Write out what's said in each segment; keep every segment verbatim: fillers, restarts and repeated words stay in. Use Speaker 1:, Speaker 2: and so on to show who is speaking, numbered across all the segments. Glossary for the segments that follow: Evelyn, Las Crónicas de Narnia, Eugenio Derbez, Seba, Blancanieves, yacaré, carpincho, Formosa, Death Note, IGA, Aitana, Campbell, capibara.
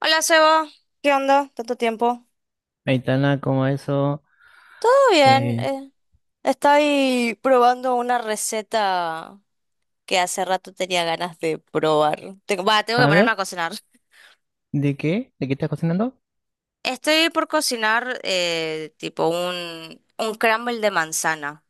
Speaker 1: Hola Seba, ¿qué onda? ¿Tanto tiempo?
Speaker 2: Aitana, como eso.
Speaker 1: Todo bien,
Speaker 2: eh,
Speaker 1: eh, estoy probando una receta que hace rato tenía ganas de probar. Tengo, va, tengo que
Speaker 2: a
Speaker 1: ponerme
Speaker 2: ver,
Speaker 1: a cocinar.
Speaker 2: ¿de qué? ¿De qué estás cocinando?
Speaker 1: Estoy por cocinar eh, tipo un, un crumble de manzana.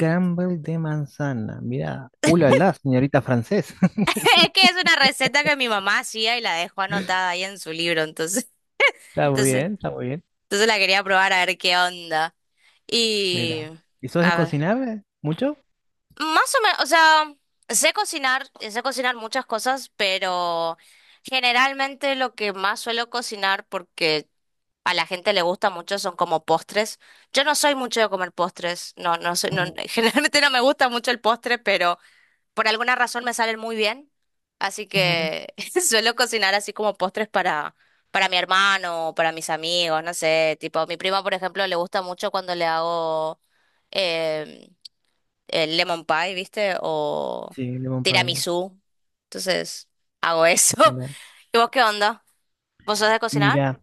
Speaker 2: Campbell de manzana. Mira, ulala, señorita francés.
Speaker 1: Es que es una receta que mi mamá hacía y la dejó anotada ahí en su libro, entonces,
Speaker 2: Está muy
Speaker 1: entonces,
Speaker 2: bien, está muy bien.
Speaker 1: entonces la quería probar a ver qué onda. Y...
Speaker 2: Mira, ¿y sos de
Speaker 1: A ver.
Speaker 2: cocinar eh? mucho?
Speaker 1: Más o menos, o sea, sé cocinar, sé cocinar muchas cosas, pero generalmente lo que más suelo cocinar porque a la gente le gusta mucho son como postres. Yo no soy mucho de comer postres, no, no soy, no-
Speaker 2: Ujú,
Speaker 1: generalmente no me gusta mucho el postre, pero por alguna razón me salen muy bien, así
Speaker 2: ujú.
Speaker 1: que suelo cocinar así como postres para para mi hermano, para mis amigos, no sé, tipo, a mi prima, por ejemplo, le gusta mucho cuando le hago em, el lemon pie, ¿viste? O
Speaker 2: Sí, lemon pie.
Speaker 1: tiramisú. Entonces, hago eso.
Speaker 2: Mira,
Speaker 1: ¿Y vos qué onda? ¿Vos sos de cocinar?
Speaker 2: mira,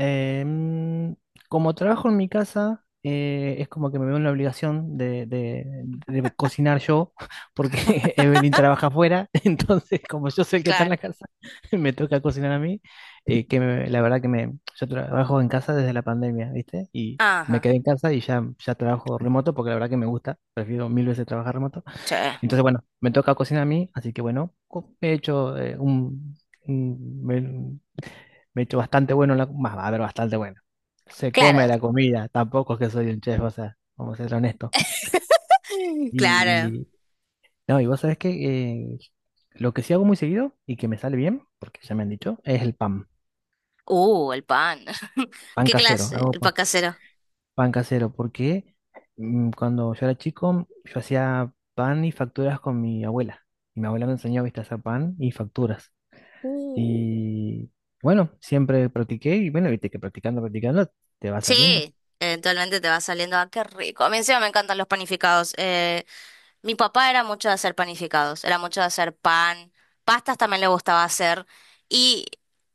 Speaker 2: Em, como trabajo en mi casa, eh, es como que me veo en la obligación de, de- de cocinar yo, porque Evelyn trabaja afuera, entonces como yo soy el que está en la
Speaker 1: Claro.
Speaker 2: casa, me toca cocinar a mí, eh, que me- la verdad que me, yo trabajo en casa desde la pandemia, ¿viste? Y me
Speaker 1: Ajá.
Speaker 2: quedé en casa y ya, ya trabajo remoto, porque la verdad que me gusta, prefiero mil veces trabajar remoto.
Speaker 1: Sí,
Speaker 2: Entonces, bueno, me toca cocinar a mí, así que bueno, co- he hecho eh, un... un- me he hecho bastante bueno, en la, más, a ver, bastante bueno. Se come
Speaker 1: claro.
Speaker 2: la comida, tampoco es que soy un chef, o sea, vamos a ser honestos.
Speaker 1: Claro.
Speaker 2: Y no, y vos sabés que eh, lo que sí hago muy seguido y que me sale bien, porque ya me han dicho, es el pan,
Speaker 1: Uh, el pan.
Speaker 2: pan
Speaker 1: ¿Qué
Speaker 2: casero.
Speaker 1: clase?
Speaker 2: Hago
Speaker 1: El
Speaker 2: pan,
Speaker 1: pan casero.
Speaker 2: pan casero porque mm, cuando yo era chico yo hacía pan y facturas con mi abuela. Y mi abuela me enseñó, viste, a hacer pan y facturas.
Speaker 1: Uh.
Speaker 2: Y bueno, siempre practiqué y bueno, viste que practicando, practicando te va saliendo,
Speaker 1: Sí, eventualmente te va saliendo. Ah, qué rico. A mí encima me encantan los panificados. Eh, Mi papá era mucho de hacer panificados, era mucho de hacer pan, pastas también le gustaba hacer y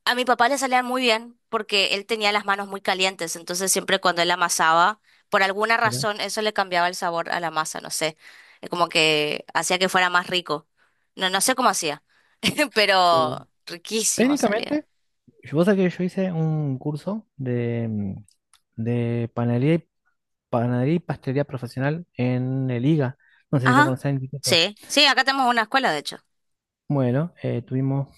Speaker 1: a mi papá le salían muy bien porque él tenía las manos muy calientes, entonces siempre cuando él amasaba, por alguna
Speaker 2: ¿verdad?
Speaker 1: razón eso le cambiaba el sabor a la masa, no sé, eh, como que hacía que fuera más rico. No, no sé cómo hacía,
Speaker 2: Sí.
Speaker 1: pero riquísimo salía.
Speaker 2: Técnicamente, vos sabés que yo hice un curso de, mm, de panadería y, panadería y pastelería profesional en el I G A. No sé si lo
Speaker 1: Ajá,
Speaker 2: conocés en instituto.
Speaker 1: sí, sí, acá tenemos una escuela de hecho.
Speaker 2: Bueno, eh, tuvimos,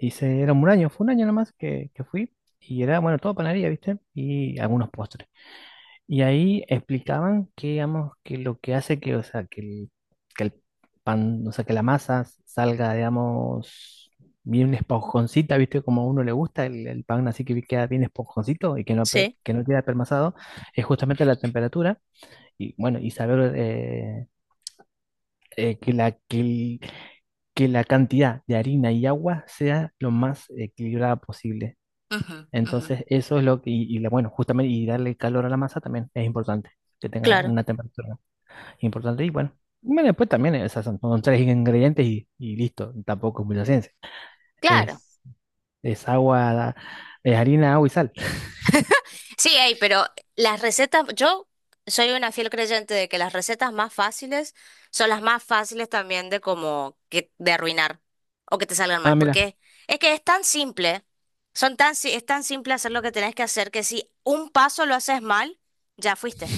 Speaker 2: hice, era un año, fue un año nomás que, que fui. Y era, bueno, todo panadería, ¿viste? Y algunos postres. Y ahí explicaban que, digamos, que lo que hace que, o sea, que el, que el pan, o sea, que la masa salga, digamos, bien esponjoncita, ¿viste? Como a uno le gusta el, el pan, así que queda bien esponjoncito y que no, pe-
Speaker 1: Sí,
Speaker 2: que no queda permasado, es justamente la temperatura y, bueno, y saber eh, eh, que la, que, el- que la cantidad de harina y agua sea lo más equilibrada posible.
Speaker 1: ujú, ujú,
Speaker 2: Entonces, eso es lo que, y, y la- bueno, justamente, y darle calor a la masa también es importante, que tenga
Speaker 1: claro.
Speaker 2: una temperatura importante. Y bueno, bueno, después también esas son, son tres ingredientes y, y listo. Tampoco es mucha ciencia.
Speaker 1: Claro.
Speaker 2: Es, es agua, es harina, agua y sal.
Speaker 1: Sí, hay, pero las recetas, yo soy una fiel creyente de que las recetas más fáciles son las más fáciles también de como que de arruinar o que te salgan
Speaker 2: Ah,
Speaker 1: mal,
Speaker 2: mira.
Speaker 1: porque es que es tan simple, son tan, si- es tan simple hacer lo que tenés que hacer que si un paso lo haces mal, ya fuiste,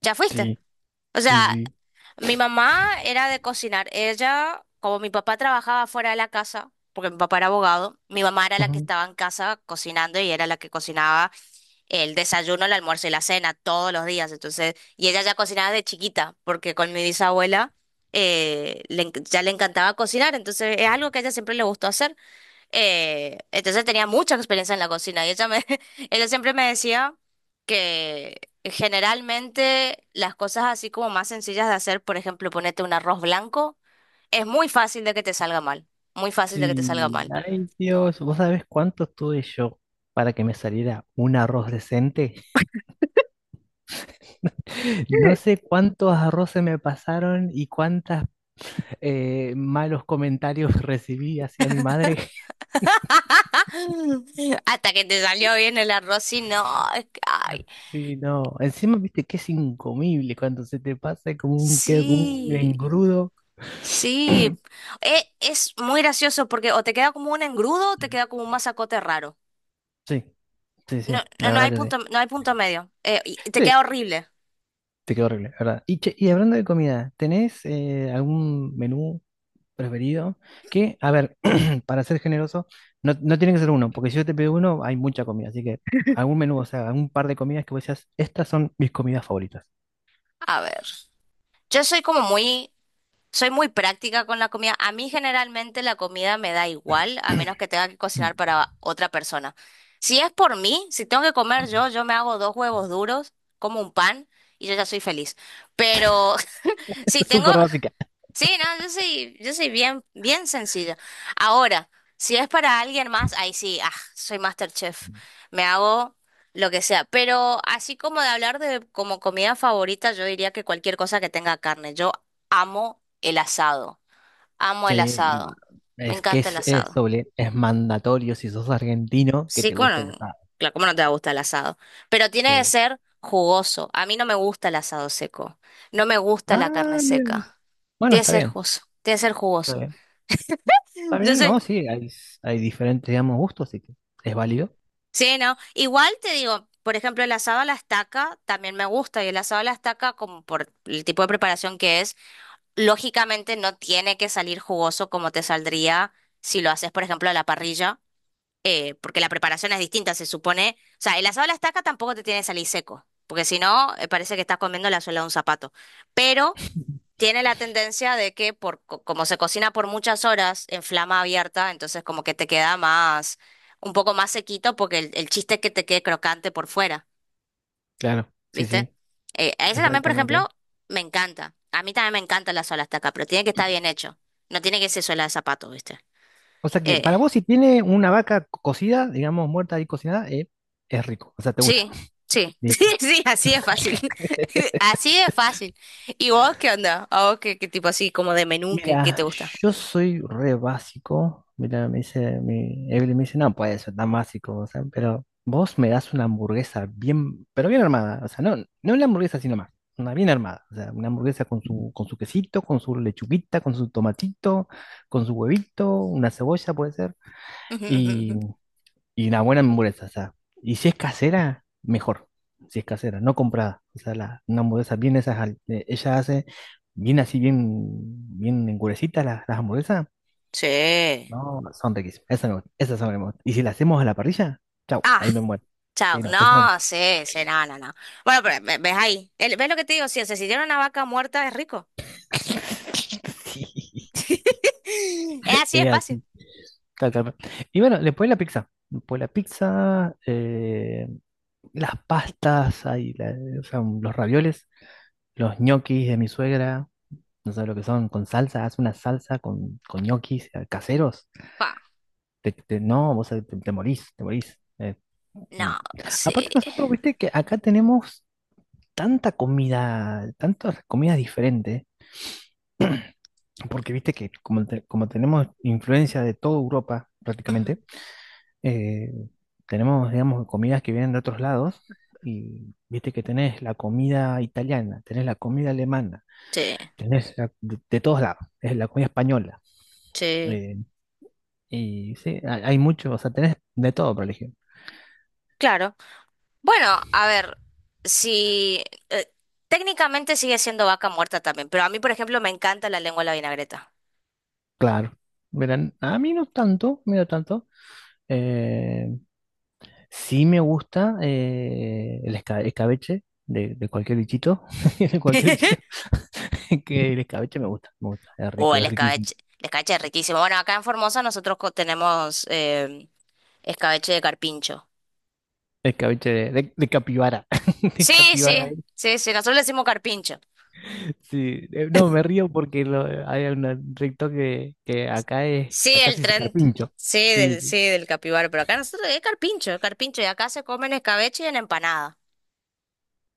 Speaker 1: ya fuiste.
Speaker 2: Sí,
Speaker 1: O
Speaker 2: sí,
Speaker 1: sea,
Speaker 2: sí.
Speaker 1: mi mamá era de cocinar, ella, como mi papá trabajaba fuera de la casa, porque mi papá era abogado, mi mamá era la que
Speaker 2: Ujú.
Speaker 1: estaba en casa cocinando y era la que cocinaba el desayuno, el almuerzo y la cena todos los días. Entonces, y ella ya cocinaba de chiquita, porque con mi bisabuela eh, le enc- ya le encantaba cocinar, entonces es algo que a ella siempre le gustó hacer. Eh, entonces tenía mucha experiencia en la cocina y ella me, ella siempre me decía que generalmente las cosas así como más sencillas de hacer, por ejemplo, ponerte un arroz blanco, es muy fácil de que te salga mal. Muy fácil de que te salga
Speaker 2: Sí.
Speaker 1: mal.
Speaker 2: Ay, Dios, ¿vos sabés cuánto tuve yo para que me saliera un arroz decente? No sé cuántos arroces me pasaron y cuántas eh, malos comentarios recibí hacia mi madre.
Speaker 1: Hasta que te salió bien el arroz y no, es que,
Speaker 2: Ah,
Speaker 1: ay,
Speaker 2: sí, no. Encima, viste que es incomible cuando se te pasa, es como un, queda como un
Speaker 1: sí,
Speaker 2: engrudo.
Speaker 1: sí. E- es muy gracioso porque o te queda como un engrudo o te queda como un masacote raro.
Speaker 2: Sí, sí, sí,
Speaker 1: No, no
Speaker 2: la
Speaker 1: no
Speaker 2: verdad
Speaker 1: hay
Speaker 2: que sí.
Speaker 1: punto, no hay punto medio. Eh, y te
Speaker 2: Sí,
Speaker 1: queda horrible.
Speaker 2: te quedó horrible, la verdad. Y, che, y hablando de comida, ¿tenés eh, algún menú preferido? Que, a ver, para ser generoso, no, no tiene que ser uno, porque si yo te pido uno, hay mucha comida. Así que algún menú, o sea, algún par de comidas que vos decías, estas son mis comidas favoritas.
Speaker 1: A ver. Yo soy como muy, soy muy práctica con la comida. A mí generalmente la comida me da igual, a menos que tenga que cocinar para otra persona. Si es por mí, si tengo que comer yo, yo me hago dos huevos duros, como un pan y yo ya soy feliz. Pero si tengo,
Speaker 2: Súper básica.
Speaker 1: sí, no, yo soy, yo soy bien, bien sencilla. Ahora, si es para alguien más, ahí sí, ah, soy MasterChef. Me hago lo que sea. Pero así como de hablar de como comida favorita, yo diría que cualquier cosa que tenga carne. Yo amo el asado. Amo
Speaker 2: Sí,
Speaker 1: el
Speaker 2: y bueno,
Speaker 1: asado. Me
Speaker 2: es que
Speaker 1: encanta el
Speaker 2: es, es
Speaker 1: asado.
Speaker 2: doble, es mandatorio si sos argentino que
Speaker 1: Sí,
Speaker 2: te guste el
Speaker 1: bueno,
Speaker 2: asado.
Speaker 1: claro, ¿cómo no te va a gustar el asado? Pero tiene que
Speaker 2: Sí.
Speaker 1: ser jugoso. A mí no me gusta el asado seco. No me gusta la carne
Speaker 2: Ah, bien.
Speaker 1: seca.
Speaker 2: Bueno,
Speaker 1: Tiene que
Speaker 2: está
Speaker 1: ser
Speaker 2: bien,
Speaker 1: jugoso. Tiene que ser
Speaker 2: está
Speaker 1: jugoso.
Speaker 2: bien. Está
Speaker 1: Yo
Speaker 2: bien,
Speaker 1: sé.
Speaker 2: ¿no? Sí, hay, hay diferentes, digamos, gustos, así que es válido.
Speaker 1: Sí, ¿no? Igual te digo, por ejemplo, el asado a la estaca también me gusta y el asado a la estaca, como por el tipo de preparación que es, lógicamente no tiene que salir jugoso como te saldría si lo haces, por ejemplo, a la parrilla, eh, porque la preparación es distinta, se supone. O sea, el asado a la estaca tampoco te tiene que salir seco, porque si no, eh, parece que estás comiendo la suela de un zapato. Pero tiene la tendencia de que por, co- como se cocina por muchas horas en flama abierta, entonces como que te queda más, un poco más sequito porque el, el chiste es que te quede crocante por fuera,
Speaker 2: Claro, sí, sí,
Speaker 1: ¿viste? Eh, a ese también, por
Speaker 2: exactamente.
Speaker 1: ejemplo, me encanta. A mí también me encanta la suela hasta acá, pero tiene que estar bien hecho. No tiene que ser suela de zapato, ¿viste?
Speaker 2: O sea que
Speaker 1: Eh,
Speaker 2: para vos, si tiene una vaca co- cocida, digamos, muerta y cocinada, eh, es rico. O sea, te gusta.
Speaker 1: sí, sí, sí,
Speaker 2: Listo.
Speaker 1: sí, así es fácil. Así es fácil. ¿Y vos qué onda? ¿A vos qué, qué tipo así como de menú, qué, qué
Speaker 2: Mira,
Speaker 1: te gusta?
Speaker 2: yo soy re básico. Mira, me dice, mi Evelyn me dice, no puede ser tan básico, o sea, pero vos me das una hamburguesa bien, pero bien armada, o sea, no, no una hamburguesa sino más, una bien armada, o sea, una hamburguesa con su, con su quesito, con su lechuguita, con su tomatito, con su huevito, una cebolla puede ser,
Speaker 1: Ujú, ujú, ujú.
Speaker 2: y una buena hamburguesa, o sea. Y si es casera, mejor. Si es casera, no comprada. O sea, la, una hamburguesa bien esas, al- eh, ella hace bien así, bien, bien engurecitas las, las hamburguesas.
Speaker 1: Sí.
Speaker 2: No, son riquísimas. Esas me gustan, esas son las que me gustan. Y si las hacemos a la parrilla, chau,
Speaker 1: Ah,
Speaker 2: ahí me muero.
Speaker 1: chao.
Speaker 2: Sí, no, esa.
Speaker 1: No, sí, sí, no, no, no. Bueno, pero ve- ves ahí. El- ¿Ves lo que te digo? Si se sintieron una vaca muerta, es rico.
Speaker 2: Sí,
Speaker 1: Es así de
Speaker 2: es
Speaker 1: fácil.
Speaker 2: así, tal, tal, tal. Y bueno, después la pizza. Después la pizza, eh, las pastas, ahí la- o sea, los ravioles, los ñoquis de mi suegra. No sabes lo que son, con salsa, haz una salsa con, con ñoquis eh, caseros.
Speaker 1: Pa.
Speaker 2: Te, te- no, vos eh, te, te morís, te morís. Eh, mm.
Speaker 1: No, sí.
Speaker 2: Aparte nosotros, viste que acá tenemos tanta comida, tantas comidas diferentes, porque viste que como, te- como tenemos influencia de toda Europa
Speaker 1: Ujú.
Speaker 2: prácticamente, eh, tenemos, digamos, comidas que vienen de otros lados. Y viste que tenés la comida italiana, tenés la comida alemana,
Speaker 1: Sí,
Speaker 2: tenés la- de, de todos lados, es la comida española.
Speaker 1: sí.
Speaker 2: eh, Y sí, hay, hay mucho, o sea, tenés de todo para elegir.
Speaker 1: Claro. Bueno, a ver, si... eh, técnicamente sigue siendo vaca muerta también, pero a mí, por ejemplo, me encanta la lengua a la vinagreta.
Speaker 2: Claro. Verán, a mí no tanto, mí no tanto. Eh, sí me gusta eh, el esca- escabeche de, de cualquier bichito, de cualquier bichito, que el escabeche me gusta, me gusta, es
Speaker 1: O
Speaker 2: rico,
Speaker 1: el
Speaker 2: es riquísimo.
Speaker 1: escabeche. El escabeche es riquísimo. Bueno, acá en Formosa nosotros co- tenemos eh, escabeche de carpincho.
Speaker 2: Escabeche de, de- de capibara, de
Speaker 1: Sí,
Speaker 2: capibara.
Speaker 1: sí, sí, sí, nosotros le decimos carpincho.
Speaker 2: Sí, eh, no, me río porque lo- hay un recto que, que acá es,
Speaker 1: Sí,
Speaker 2: acá
Speaker 1: el
Speaker 2: sí se
Speaker 1: tren.
Speaker 2: carpincho.
Speaker 1: Sí,
Speaker 2: Sí,
Speaker 1: del, sí, del capibara. Pero acá nosotros es carpincho, es carpincho. Y acá se comen escabeche y en empanada.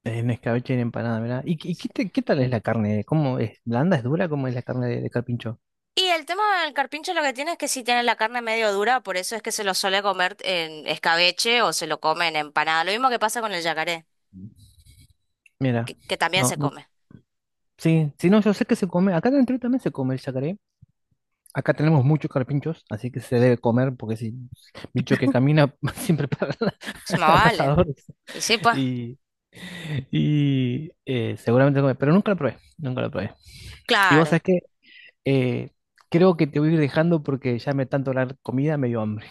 Speaker 2: en escabeche y en empanada, mira. ¿Y, qué, y qué
Speaker 1: Sí.
Speaker 2: te- qué tal es la carne? ¿Cómo es? ¿Blanda? ¿Es dura? ¿Cómo es la carne de, de carpincho?
Speaker 1: Y el tema del carpincho lo que tiene es que sí tiene la carne medio dura, por eso es que se lo suele comer en escabeche o se lo come en empanada. Lo mismo que pasa con el yacaré,
Speaker 2: Mira,
Speaker 1: que, que también
Speaker 2: no,
Speaker 1: se
Speaker 2: no,
Speaker 1: come.
Speaker 2: sí, sí, no, yo sé que se come. Acá dentro también se come el yacaré. Acá tenemos muchos carpinchos, así que se debe comer, porque si bicho que camina siempre para la,
Speaker 1: Sí, más
Speaker 2: la
Speaker 1: vale.
Speaker 2: pasadores.
Speaker 1: Y sí, pues,
Speaker 2: Y, y eh, Seguramente come, pero nunca lo probé, nunca lo probé. Y vos
Speaker 1: claro.
Speaker 2: sabés que eh, creo que te voy a ir dejando porque ya me tanto hablar comida, me dio hambre.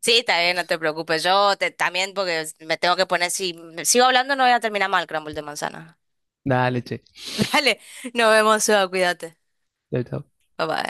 Speaker 1: Sí, también, no te preocupes. Yo te- también, porque me tengo que poner, si sigo hablando no voy a terminar mal, crumble de manzana.
Speaker 2: Dale, che.
Speaker 1: Dale, nos vemos, Seba, cuídate.
Speaker 2: Chau, chau.
Speaker 1: Bye bye.